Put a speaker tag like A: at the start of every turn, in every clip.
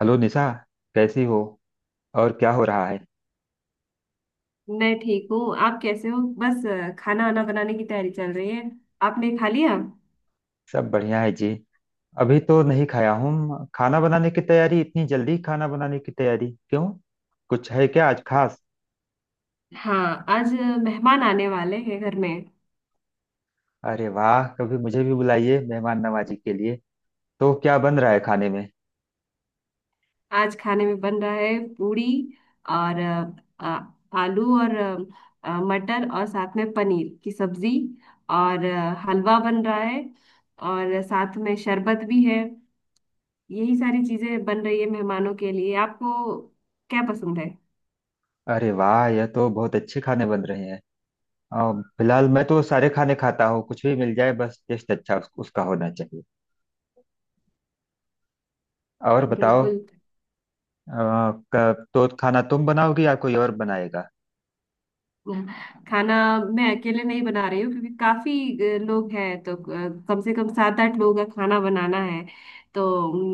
A: Hello Nisha. कैसी हो और क्या हो रहा है।
B: मैं ठीक हूँ, आप कैसे हो। बस खाना आना बनाने की तैयारी चल रही है। आपने खा लिया?
A: सब बढ़िया है जी। अभी तो नहीं खाया हूँ। खाना बनाने की तैयारी, इतनी जल्दी खाना बनाने की तैयारी क्यों, कुछ है क्या आज खास।
B: हाँ, आज मेहमान आने वाले हैं घर में।
A: अरे वाह, कभी मुझे भी बुलाइए मेहमान नवाजी के लिए। तो क्या बन रहा है खाने में।
B: आज खाने में बन रहा है पूड़ी और आलू और मटर और साथ में पनीर की सब्जी, और हलवा बन रहा है। और साथ में शरबत भी है। यही सारी चीजें बन रही है मेहमानों के लिए। आपको क्या पसंद है?
A: अरे वाह, यह तो बहुत अच्छे खाने बन रहे हैं। और फिलहाल मैं तो सारे खाने खाता हूँ, कुछ भी मिल जाए, बस टेस्ट अच्छा उसका होना चाहिए। और बताओ।
B: बिल्कुल।
A: अ, तो खाना तुम बनाओगी या कोई और बनाएगा।
B: खाना मैं अकेले नहीं बना रही हूँ, क्योंकि काफी लोग हैं, तो कम से कम सात आठ लोगों का खाना बनाना है। तो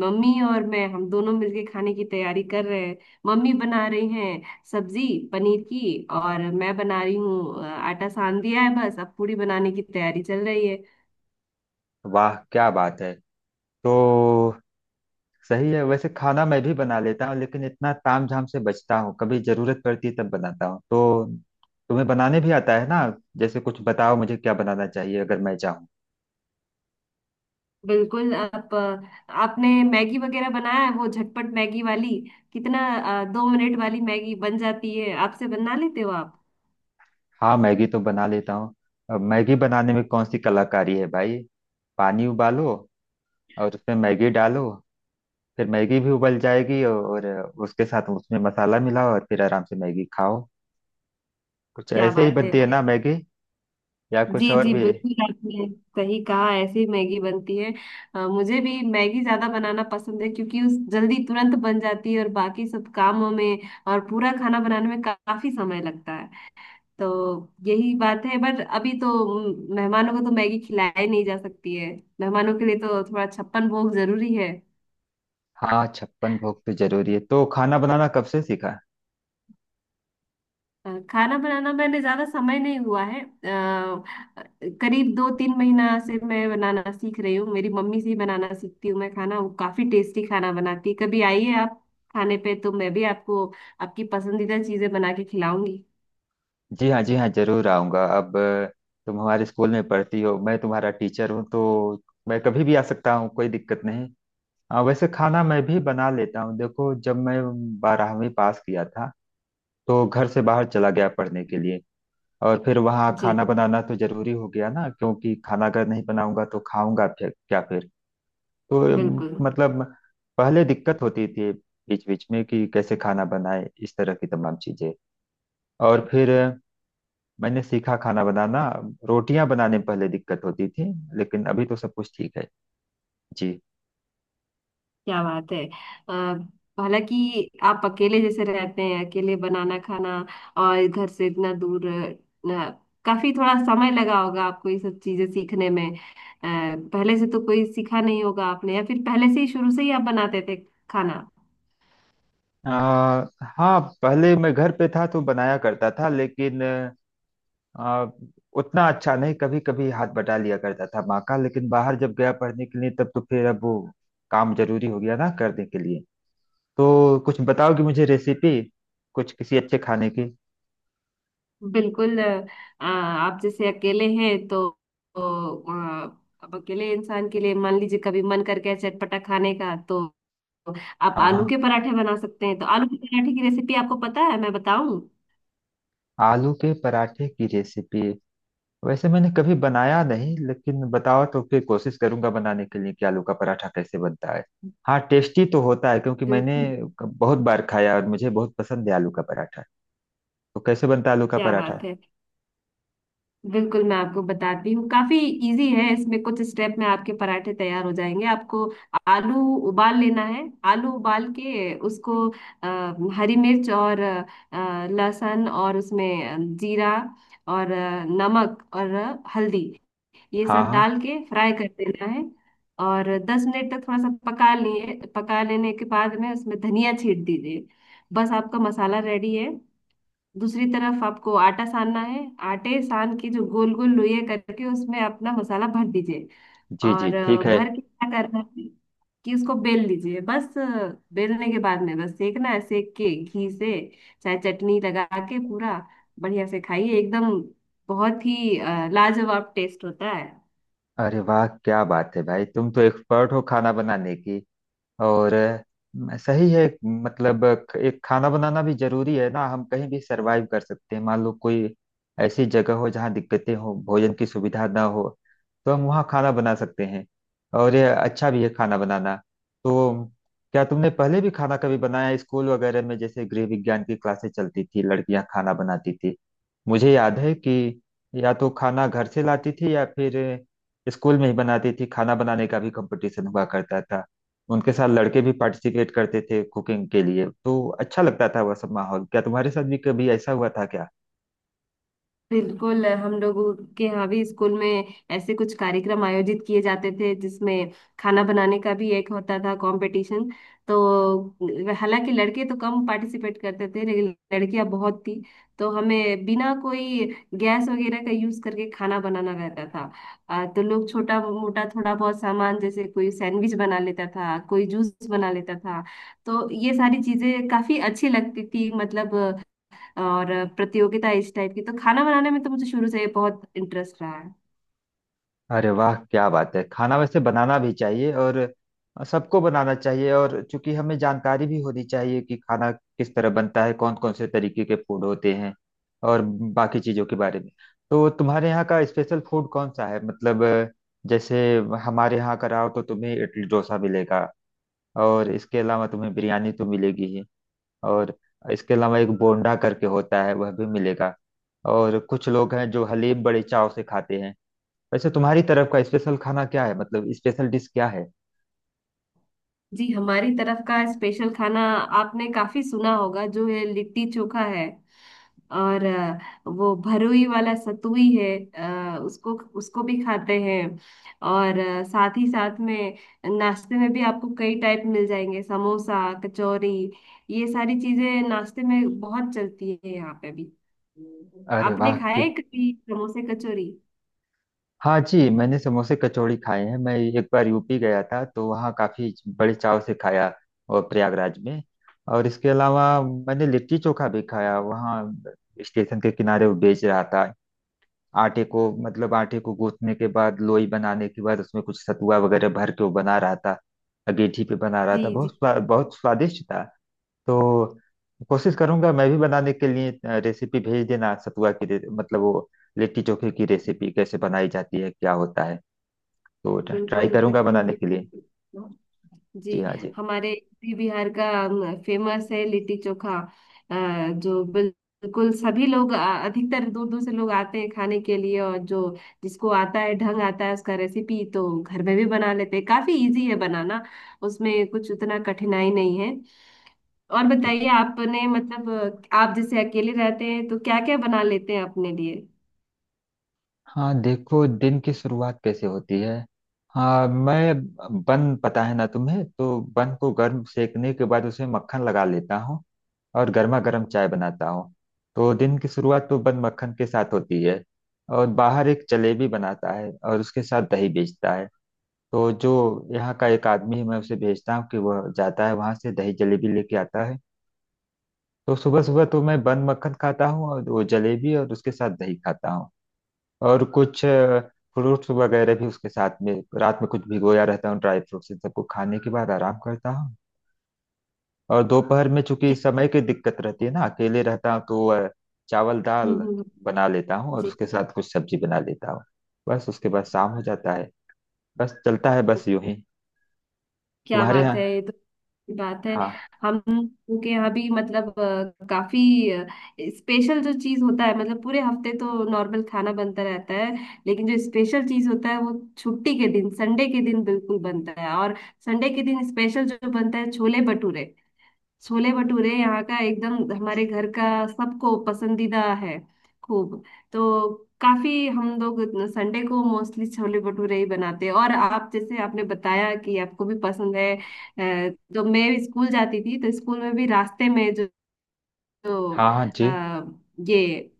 B: मम्मी और मैं, हम दोनों मिलके खाने की तैयारी कर रहे हैं। मम्मी बना रही हैं सब्जी पनीर की, और मैं बना रही हूँ आटा। सान दिया है, बस अब पूड़ी बनाने की तैयारी चल रही है।
A: वाह क्या बात है। तो सही है, वैसे खाना मैं भी बना लेता हूँ, लेकिन इतना ताम झाम से बचता हूँ, कभी जरूरत पड़ती है तब बनाता हूँ। तो तुम्हें बनाने भी आता है ना। जैसे कुछ बताओ मुझे क्या बनाना चाहिए अगर मैं चाहूँ।
B: बिल्कुल। आपने मैगी वगैरह बनाया है वो झटपट मैगी वाली? कितना 2 मिनट वाली मैगी बन जाती है, आपसे बना लेते हो आप?
A: हाँ, मैगी तो बना लेता हूँ। अब मैगी बनाने में कौन सी कलाकारी है भाई। पानी उबालो और उसमें मैगी डालो, फिर मैगी भी उबल जाएगी, और उसके साथ उसमें मसाला मिलाओ और फिर आराम से मैगी खाओ। कुछ
B: क्या
A: ऐसे ही
B: बात है।
A: बनती है ना मैगी, या
B: जी
A: कुछ और
B: जी,
A: भी।
B: बिल्कुल आपने सही कहा, ऐसी मैगी बनती है। मुझे भी मैगी ज्यादा बनाना पसंद है, क्योंकि उस जल्दी तुरंत बन जाती है, और बाकी सब कामों में और पूरा खाना बनाने में काफी समय लगता है। तो यही बात है। बट अभी तो मेहमानों को तो मैगी खिलाई नहीं जा सकती है। मेहमानों के लिए तो थोड़ा छप्पन भोग जरूरी है।
A: हाँ, छप्पन भोग तो जरूरी है। तो खाना बनाना कब से सीखा।
B: खाना बनाना मैंने ज्यादा समय नहीं हुआ है। करीब 2-3 महीना से मैं बनाना सीख रही हूँ, मेरी मम्मी से ही बनाना सीखती हूँ मैं खाना। वो काफी टेस्टी खाना बनाती है, कभी आइए आप। खाने पे तो मैं भी आपको, आपकी पसंदीदा चीजें बना के खिलाऊंगी।
A: जी हाँ, जी हाँ, जरूर आऊंगा। तुम हमारे स्कूल में पढ़ती हो, मैं तुम्हारा टीचर हूँ, तो मैं कभी भी आ सकता हूँ, कोई दिक्कत नहीं। हाँ, वैसे खाना मैं भी बना लेता हूँ। देखो, जब मैं बारहवीं पास किया था तो घर से बाहर चला गया पढ़ने के लिए, और फिर वहाँ
B: जी
A: खाना बनाना तो जरूरी हो गया ना, क्योंकि खाना अगर नहीं बनाऊंगा तो खाऊंगा फिर क्या फिर। तो
B: बिल्कुल।
A: मतलब पहले दिक्कत होती थी, बीच बीच में कि कैसे खाना बनाए, इस तरह की तमाम चीजें। और फिर मैंने सीखा खाना बनाना। रोटियां बनाने में पहले दिक्कत होती थी, लेकिन अभी तो सब कुछ ठीक है जी।
B: क्या बात है। अ, हालांकि आप अकेले जैसे रहते हैं, अकेले बनाना खाना और घर से इतना दूर, काफी थोड़ा समय लगा होगा आपको ये सब चीजें सीखने में। पहले से तो कोई सीखा नहीं होगा आपने, या फिर पहले से ही, शुरू से ही आप बनाते थे खाना?
A: आ, हाँ पहले मैं घर पे था तो बनाया करता था, लेकिन आ, उतना अच्छा नहीं। कभी कभी हाथ बटा लिया करता था माँ का, लेकिन बाहर जब गया पढ़ने के लिए तब तो फिर अब वो काम जरूरी हो गया ना करने के लिए। तो कुछ बताओगे मुझे रेसिपी, कुछ किसी अच्छे खाने की।
B: बिल्कुल। आप जैसे अकेले हैं, तो अब अकेले इंसान के लिए मान लीजिए कभी मन करके है चटपटा खाने का, तो आप
A: हाँ हाँ,
B: आलू के पराठे बना सकते हैं। तो आलू के पराठे की रेसिपी आपको पता है, मैं बताऊं?
A: आलू के पराठे की रेसिपी। वैसे मैंने कभी बनाया नहीं, लेकिन बताओ तो फिर कोशिश करूंगा बनाने के लिए कि आलू का पराठा कैसे बनता है। हाँ, टेस्टी तो होता है क्योंकि मैंने
B: बिल्कुल,
A: बहुत बार खाया और मुझे बहुत पसंद है आलू का पराठा। तो कैसे बनता है आलू का
B: क्या
A: पराठा।
B: बात है। बिल्कुल, मैं आपको बताती हूँ। काफी इजी है, इसमें कुछ स्टेप में आपके पराठे तैयार हो जाएंगे। आपको आलू उबाल लेना है। आलू उबाल के उसको, हरी मिर्च और लहसुन और उसमें जीरा और नमक और हल्दी, ये
A: हाँ
B: सब
A: हाँ।
B: डाल के फ्राई कर देना है। और 10 मिनट तक थोड़ा सा पका लेने के बाद में उसमें धनिया छीट दीजिए। बस आपका मसाला रेडी है। दूसरी तरफ आपको आटा सानना है। आटे सान के जो गोल गोल लोई करके उसमें अपना मसाला भर दीजिए।
A: जी जी
B: और
A: ठीक है।
B: भर के क्या करना है कि उसको बेल लीजिए। बस बेलने के बाद में बस सेकना है, सेक के घी से, चाहे चटनी लगा के पूरा बढ़िया से खाइए एकदम। बहुत ही लाजवाब टेस्ट होता है।
A: अरे वाह क्या बात है भाई, तुम तो एक्सपर्ट हो खाना बनाने की। और सही है। मतलब एक खाना बनाना भी जरूरी है ना, हम कहीं भी सरवाइव कर सकते हैं। मान लो कोई ऐसी जगह हो जहाँ दिक्कतें हो, भोजन की सुविधा ना हो, तो हम वहाँ खाना बना सकते हैं। और ये अच्छा भी है खाना बनाना। तो क्या तुमने पहले भी खाना कभी बनाया है? स्कूल वगैरह में जैसे गृह विज्ञान की क्लासेस चलती थी, लड़कियां खाना बनाती थी। मुझे याद है कि या तो खाना घर से लाती थी या फिर स्कूल में ही बनाती थी। खाना बनाने का भी कंपटीशन हुआ करता था, उनके साथ लड़के भी पार्टिसिपेट करते थे कुकिंग के लिए। तो अच्छा लगता था वह सब माहौल। क्या तुम्हारे साथ भी कभी ऐसा हुआ था क्या।
B: बिल्कुल, हम लोगों के यहाँ भी स्कूल में ऐसे कुछ कार्यक्रम आयोजित किए जाते थे, जिसमें खाना बनाने का भी एक होता था कंपटीशन। तो हालांकि लड़के तो कम पार्टिसिपेट करते थे, लेकिन लड़कियां बहुत थी। तो हमें बिना कोई गैस वगैरह का यूज करके खाना बनाना रहता था। तो लोग छोटा मोटा थोड़ा बहुत सामान, जैसे कोई सैंडविच बना लेता था, कोई जूस बना लेता था। तो ये सारी चीजें काफी अच्छी लगती थी, मतलब। और प्रतियोगिता इस टाइप की, तो खाना बनाने में तो मुझे शुरू से बहुत इंटरेस्ट रहा है।
A: अरे वाह क्या बात है। खाना वैसे बनाना भी चाहिए, और सबको बनाना चाहिए। और चूंकि हमें जानकारी भी होनी चाहिए कि खाना किस तरह बनता है, कौन कौन से तरीके के फूड होते हैं, और बाकी चीजों के बारे में। तो तुम्हारे यहाँ का स्पेशल फूड कौन सा है, मतलब जैसे हमारे यहाँ कराओ तो तुम्हें इडली डोसा मिलेगा, और इसके अलावा तुम्हें बिरयानी तो मिलेगी ही, और इसके अलावा एक बोंडा करके होता है वह भी मिलेगा, और कुछ लोग हैं जो हलीम बड़े चाव से खाते हैं। वैसे तुम्हारी तरफ का स्पेशल खाना क्या है, मतलब स्पेशल डिश क्या है।
B: जी, हमारी तरफ का स्पेशल खाना आपने काफी सुना होगा, जो है लिट्टी चोखा है। और वो भरुई वाला सतुई है। उसको उसको भी खाते हैं। और साथ ही साथ में नाश्ते में भी आपको कई टाइप मिल जाएंगे, समोसा, कचौरी, ये सारी चीजें नाश्ते में बहुत चलती है यहाँ पे भी।
A: अरे
B: आपने
A: वाह।
B: खाए कभी समोसे कचौरी?
A: हाँ जी, मैंने समोसे कचौड़ी खाए हैं। मैं एक बार यूपी गया था तो वहाँ काफी बड़े चाव से खाया, और प्रयागराज में। और इसके अलावा मैंने लिट्टी चोखा भी खाया वहाँ, स्टेशन के किनारे वो बेच रहा था। आटे को, मतलब आटे को गूंथने के बाद, लोई बनाने के बाद उसमें कुछ सतुआ वगैरह भर के वो बना रहा था। अगेठी पे बना रहा
B: जी
A: था,
B: जी,
A: बहुत बहुत स्वादिष्ट था। तो कोशिश करूंगा मैं भी बनाने के लिए। रेसिपी भेज देना सतुआ की मतलब वो लिट्टी चोखे की रेसिपी, कैसे बनाई जाती है, क्या होता है। तो ट्राई
B: बिल्कुल
A: करूंगा बनाने के
B: बिल्कुल।
A: लिए। जी
B: जी। जी।
A: हाँ।
B: हमारे यूपी बिहार का फेमस है लिट्टी चोखा। अ, जो बिल्कुल सभी लोग, अधिकतर दूर दूर से लोग आते हैं खाने के लिए। और जो जिसको आता है ढंग, आता है उसका रेसिपी तो घर में भी बना लेते हैं, काफी इजी है बनाना, उसमें कुछ उतना कठिनाई नहीं है। और बताइए,
A: जी
B: आपने मतलब, आप जैसे अकेले रहते हैं तो क्या क्या बना लेते हैं अपने लिए?
A: हाँ, देखो दिन की शुरुआत कैसे होती है। हाँ, मैं बन, पता है ना तुम्हें, तो बन को गर्म सेकने के बाद उसमें मक्खन लगा लेता हूँ, और गर्मा गर्म चाय बनाता हूँ। तो दिन की शुरुआत तो बन मक्खन के साथ होती है। और बाहर एक जलेबी बनाता है और उसके साथ दही बेचता है, तो जो यहाँ का एक आदमी है मैं उसे भेजता हूँ कि वह जाता है वहां से दही जलेबी लेके आता है। तो सुबह सुबह तो मैं बन मक्खन खाता हूँ और वो जलेबी और उसके साथ दही खाता हूँ, और कुछ फ्रूट्स वगैरह भी उसके साथ में। रात में कुछ भिगोया रहता हूँ ड्राई फ्रूट्स, इन सबको खाने के बाद आराम करता हूँ। और दोपहर में चूंकि
B: क्या-
A: समय की दिक्कत रहती है ना, अकेले रहता हूँ, तो चावल दाल
B: हम्म।
A: बना लेता हूँ और
B: जी।
A: उसके साथ कुछ सब्जी बना लेता हूँ। बस, उसके बाद शाम हो जाता है। बस चलता है बस यूं ही।
B: क्या
A: तुम्हारे
B: बात
A: यहाँ।
B: है, ये तो अच्छी बात है।
A: हाँ।
B: हम, उनके यहाँ भी मतलब काफी स्पेशल जो चीज होता है, मतलब पूरे हफ्ते तो नॉर्मल खाना बनता रहता है, लेकिन जो स्पेशल चीज होता है वो छुट्टी के दिन, संडे के दिन बिल्कुल बनता है। और संडे के दिन स्पेशल जो बनता है, छोले भटूरे। छोले भटूरे यहाँ का, एकदम हमारे घर का सबको पसंदीदा है, खूब। तो काफी हम लोग संडे को मोस्टली छोले भटूरे ही बनाते हैं। और आप जैसे आपने बताया कि आपको भी पसंद है, तो मैं भी स्कूल जाती थी, तो स्कूल में भी रास्ते में जो
A: हाँ। हाँ
B: अ,
A: जी।
B: ये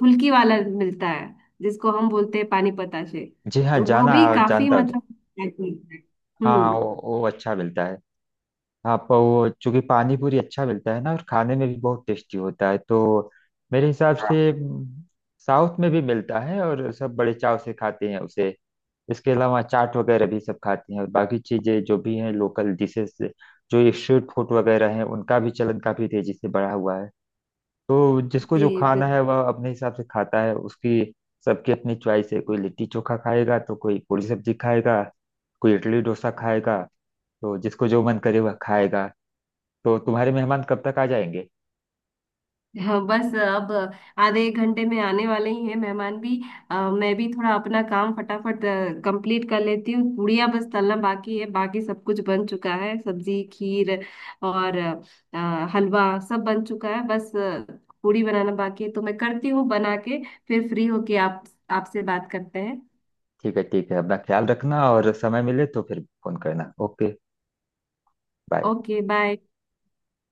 B: फुल्की वाला मिलता है, जिसको हम बोलते हैं पानी पताशे।
A: जी हाँ,
B: तो वो
A: जाना,
B: भी
A: हाँ
B: काफी,
A: जानता हूँ जी।
B: मतलब,
A: हाँ हाँ,
B: हम्म।
A: वो अच्छा मिलता है। हाँ, पर वो चूंकि पानी पूरी अच्छा मिलता है ना, और खाने में भी बहुत टेस्टी होता है, तो मेरे हिसाब से साउथ में भी मिलता है, और सब बड़े चाव से खाते हैं उसे। इसके अलावा चाट वगैरह भी सब खाते हैं, और बाकी चीजें जो भी हैं लोकल डिशेस, जो ये स्ट्रीट फूड वगैरह हैं, उनका भी चलन काफी तेजी से बढ़ा हुआ है। तो जिसको जो
B: जी
A: खाना है वह अपने हिसाब से खाता है उसकी। सबकी अपनी चॉइस है, कोई लिट्टी चोखा खाएगा तो कोई पूरी सब्जी खाएगा, कोई इडली डोसा खाएगा। तो जिसको जो मन करे वह खाएगा। तो तुम्हारे मेहमान कब तक आ जाएंगे।
B: हाँ। बस अब आधे एक घंटे में आने वाले ही हैं मेहमान भी। मैं भी थोड़ा अपना काम फटाफट कंप्लीट कर लेती हूँ। पूड़ियाँ बस तलना बाकी है, बाकी सब कुछ बन चुका है, सब्जी, खीर और हलवा सब बन चुका है। बस पूड़ी बनाना बाकी है, तो मैं करती हूँ बना के, फिर फ्री होके आप आपसे बात करते हैं।
A: ठीक है, ठीक है, अपना ख्याल रखना और समय मिले तो फिर फोन करना। Okay bye.
B: Okay bye.